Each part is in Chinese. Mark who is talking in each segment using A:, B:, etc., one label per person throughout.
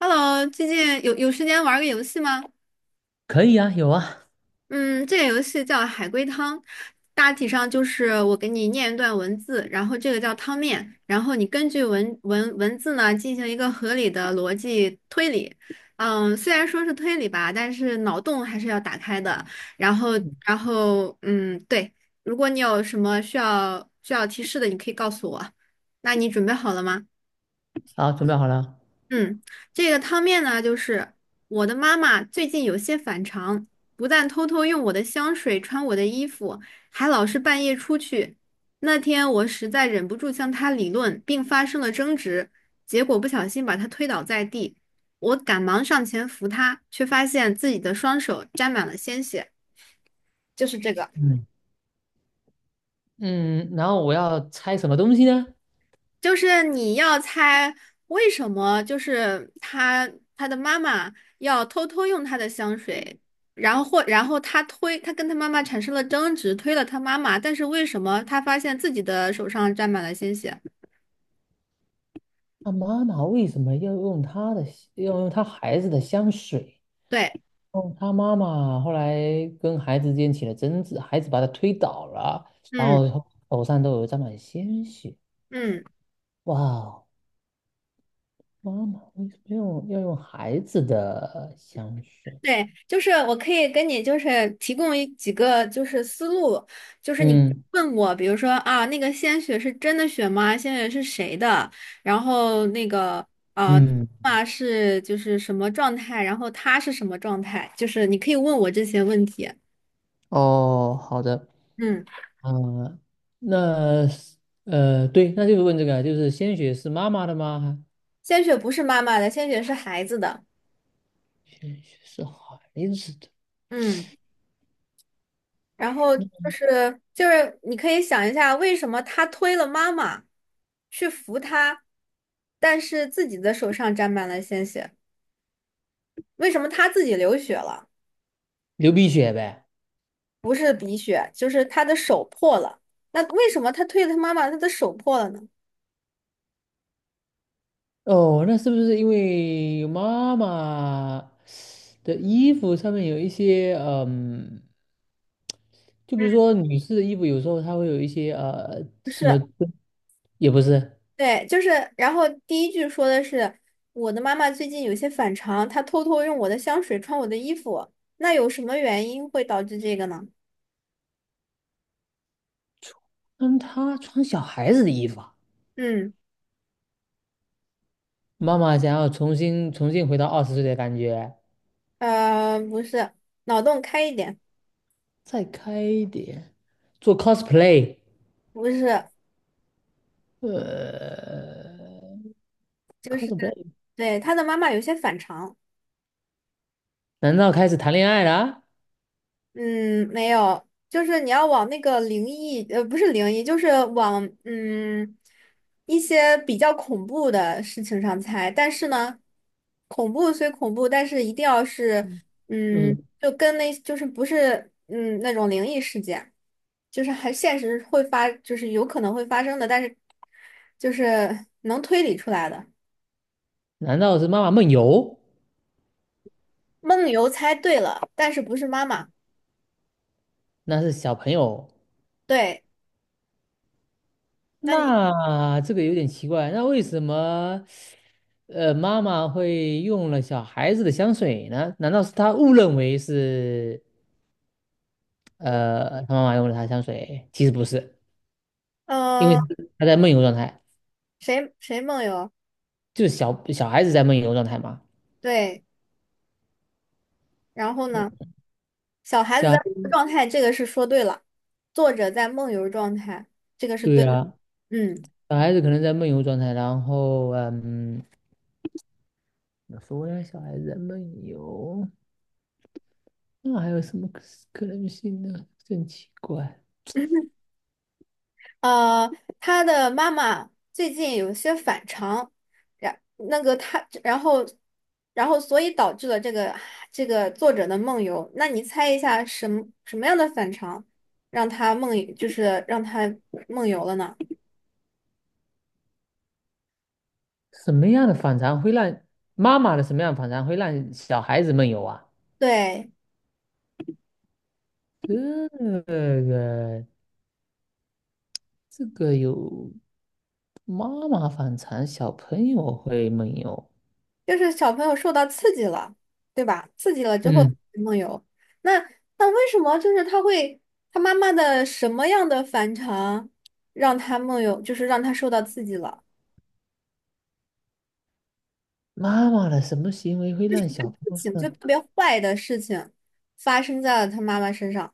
A: Hello，最近有时间玩个游戏吗？
B: 可以啊，有啊，
A: 嗯，这个游戏叫海龟汤，大体上就是我给你念一段文字，然后这个叫汤面，然后你根据文字呢进行一个合理的逻辑推理。虽然说是推理吧，但是脑洞还是要打开的。然后，对，如果你有什么需要提示的，你可以告诉我。那你准备好了吗？
B: 好，准备好了。
A: 嗯，这个汤面呢，就是我的妈妈最近有些反常，不但偷偷用我的香水穿我的衣服，还老是半夜出去。那天我实在忍不住向她理论，并发生了争执，结果不小心把她推倒在地。我赶忙上前扶她，却发现自己的双手沾满了鲜血。就是这个。
B: 嗯嗯，然后我要猜什么东西呢？
A: 就是你要猜为什么，就是他的妈妈要偷偷用他的香水，然后然后他推他跟他妈妈产生了争执，推了他妈妈，但是为什么他发现自己的手上沾满了鲜血？
B: 他妈妈为什么要用他孩子的香水？
A: 对，
B: 哦，他妈妈后来跟孩子之间起了争执，孩子把他推倒了，然
A: 嗯
B: 后手上都有沾满鲜血。
A: 嗯。
B: 哇哦，妈妈为什么要用孩子的香水？
A: 对，就是我可以跟你就是提供几个就是思路，就是你
B: 嗯
A: 问我，比如说啊，那个鲜血是真的血吗？鲜血是谁的？然后那个呃，
B: 嗯，
A: 啊是就是什么状态？然后他是什么状态？就是你可以问我这些问题。
B: 哦，好的。
A: 嗯，
B: 啊，那是对，那就是问这个啊，就是鲜血是妈妈的吗？
A: 鲜血不是妈妈的，鲜血是孩子的。
B: 鲜血是孩子的，
A: 嗯。然后就是你可以想一下，为什么他推了妈妈去扶他，但是自己的手上沾满了鲜血？为什么他自己流血了？
B: 流鼻血呗。
A: 不是鼻血，就是他的手破了。那为什么他推了他妈妈，他的手破了呢？
B: 哦，那是不是因为妈妈的衣服上面有一些就比
A: 嗯，
B: 如说女士的衣服，有时候它会有一些
A: 不
B: 什么，
A: 是，
B: 也不是，
A: 对，就是，然后第一句说的是我的妈妈最近有些反常，她偷偷用我的香水穿我的衣服，那有什么原因会导致这个呢？
B: 嗯，她穿小孩子的衣服啊，
A: 嗯，
B: 妈妈想要重新回到20岁的感觉。
A: 不是，脑洞开一点。
B: 再开一点，做 cosplay，
A: 不是，
B: 呃
A: 就是
B: ，cosplay，
A: 对他的妈妈有些反常。
B: 难道开始谈恋爱了？
A: 嗯，没有，就是你要往那个灵异，不是灵异，就是往一些比较恐怖的事情上猜。但是呢，恐怖虽恐怖，但是一定要是
B: 嗯，
A: 嗯，
B: 嗯
A: 就跟那就是不是那种灵异事件，就是还现实会发，就是有可能会发生的，但是就是能推理出来的。
B: 难道是妈妈梦游？
A: 梦游猜对了，但是不是妈妈。
B: 那是小朋友，
A: 对。那你，
B: 那这个有点奇怪，那为什么，妈妈会用了小孩子的香水呢？难道是她误认为是，她妈妈用了她的香水？其实不是，因为
A: 呃，
B: 她在梦游状态，
A: 谁梦游？
B: 就是小孩子在梦游状态嘛。
A: 对，然后呢？小孩子
B: 小
A: 在
B: 孩，
A: 梦游状态，这个是说对了。作者在梦游状态，这个是
B: 对
A: 对的。
B: 呀、
A: 嗯。
B: 小孩子可能在梦游状态，然后怎么说呢？小孩子在梦游，那还有什么可能性呢？真奇怪，
A: 呃，他的妈妈最近有些反常，然那个他，然后，然后所以导致了这个作者的梦游。那你猜一下什么样的反常让他梦，就是让他梦游了呢？
B: 什么样的反常会让什么样的反常会让小孩子梦游啊？
A: 对。
B: 这个这个有妈妈反常，小朋友会梦游。
A: 就是小朋友受到刺激了，对吧？刺激了之后
B: 嗯，
A: 梦游，那那为什么就是他妈妈的什么样的反常让他梦游，就是让他受到刺激了？
B: 妈妈的什么行为会让小朋
A: 不
B: 友
A: 仅就
B: 说
A: 特别坏的事情发生在了他妈妈身上，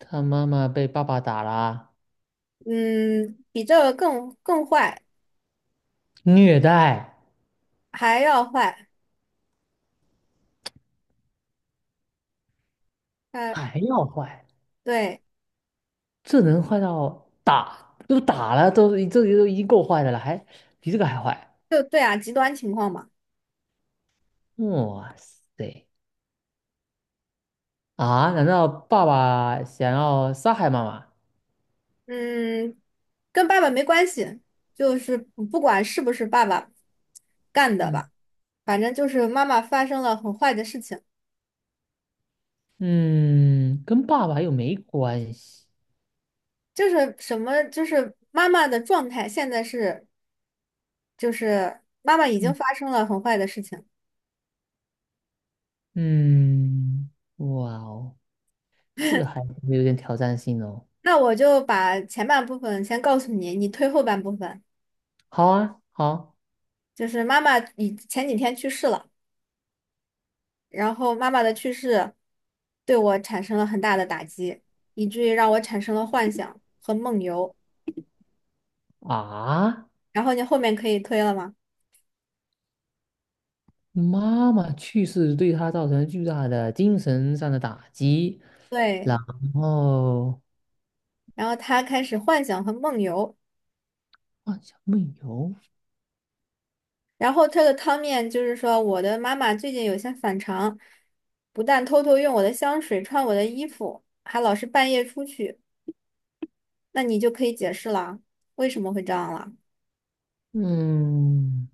B: 他妈妈被爸爸打了、
A: 嗯，比这个更坏
B: 虐待
A: 还要坏，呃，
B: 还要坏？
A: 对，
B: 这能坏到打都打了，都这都已经够坏的了，还比这个还坏。
A: 就对啊，极端情况嘛。
B: 哇塞啊！难道爸爸想要杀害妈妈？
A: 嗯，跟爸爸没关系，就是不管是不是爸爸干的
B: 嗯
A: 吧，反正就是妈妈发生了很坏的事情，
B: 嗯，跟爸爸又没关系。
A: 就是什么，就是妈妈的状态现在是，就是妈妈已经
B: 嗯
A: 发生了很坏的事情。
B: 嗯，哇哦，这个还有点挑战性哦。
A: 那我就把前半部分先告诉你，你推后半部分。
B: 好啊，好
A: 就是妈妈以前几天去世了，然后妈妈的去世对我产生了很大的打击，以至于让我产生了幻想和梦游。
B: 啊，
A: 然后你后面可以推了吗？
B: 妈妈去世对他造成巨大的精神上的打击，然
A: 对，
B: 后。
A: 然后他开始幻想和梦游，
B: 啊，小梦游，
A: 然后他的汤面就是说，我的妈妈最近有些反常，不但偷偷用我的香水、穿我的衣服，还老是半夜出去，那你就可以解释了，为什么会这样了？
B: 嗯，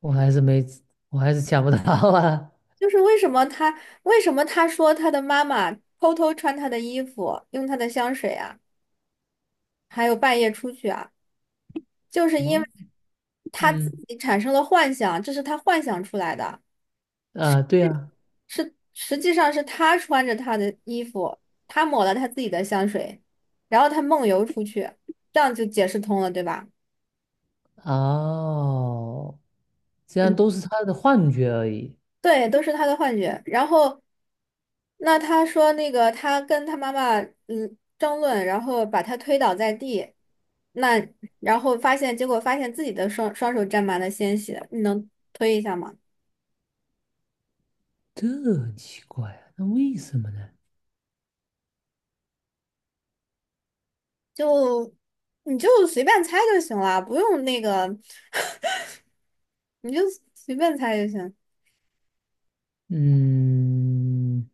B: 我还是没，我还是想不到啊。
A: 就是为什么他说他的妈妈偷偷穿他的衣服，用他的香水啊，还有半夜出去啊，就是
B: 什
A: 因为
B: 么？
A: 他自
B: 嗯，
A: 己产生了幻想，这是他幻想出来的。
B: 啊，对呀、
A: 是实际上是他穿着他的衣服，他抹了他自己的香水，然后他梦游出去，这样就解释通了，对吧？
B: 哦，这样
A: 嗯，
B: 都是他的幻觉而已，
A: 对，都是他的幻觉。然后那他说那个他跟他妈妈嗯争论，然后把他推倒在地，那然后结果发现自己的双手沾满了鲜血，你能推一下吗？
B: 这很奇怪啊，那为什么呢？
A: 就你就随便猜就行了，不用那个，你就随便猜就行。
B: 嗯，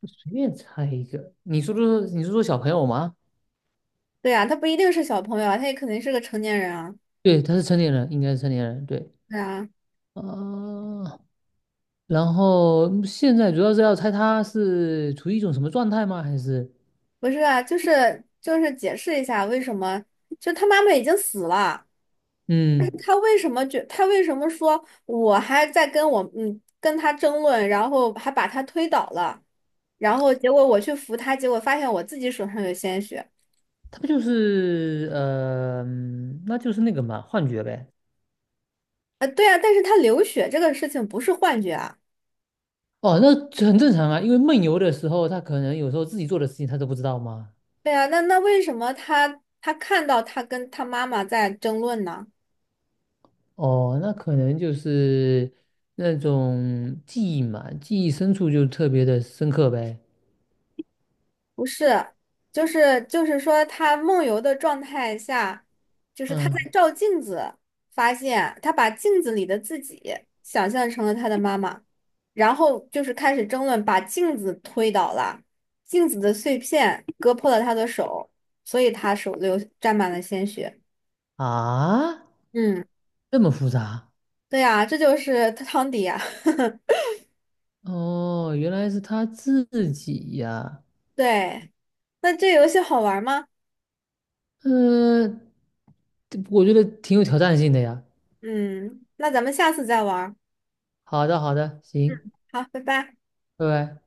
B: 我随便猜一个，你说说小朋友吗？
A: 对呀，他不一定是小朋友啊，他也肯定是个成年人啊。
B: 对，他是成年人，应该是成年人，对。
A: 对啊，
B: 啊、然后现在主要是要猜他是处于一种什么状态吗？还是
A: 不是啊，就是解释一下为什么，就他妈妈已经死了，但是
B: 嗯。
A: 他为什么说我还在跟我跟他争论，然后还把他推倒了，然后结果我去扶他，结果发现我自己手上有鲜血。
B: 他不就是那就是那个嘛，幻觉呗。
A: 对啊，但是他流血这个事情不是幻觉啊。
B: 哦，那这很正常啊，因为梦游的时候，他可能有时候自己做的事情他都不知道嘛。
A: 对啊，那为什么他看到他跟他妈妈在争论呢？
B: 哦，那可能就是那种记忆嘛，记忆深处就特别的深刻呗。
A: 不是，就是说，他梦游的状态下，就是他在
B: 嗯
A: 照镜子，发现他把镜子里的自己想象成了他的妈妈，然后就是开始争论，把镜子推倒了，镜子的碎片割破了他的手，所以他手流沾满了鲜血。
B: 啊，
A: 嗯，
B: 这么复杂？
A: 对呀，这就是汤迪呀。
B: 哦，原来是他自己呀。
A: 对，那这游戏好玩吗？
B: 呃，这我觉得挺有挑战性的呀。
A: 嗯，那咱们下次再玩儿
B: 好的，好的，行，
A: 好，拜拜。
B: 拜拜。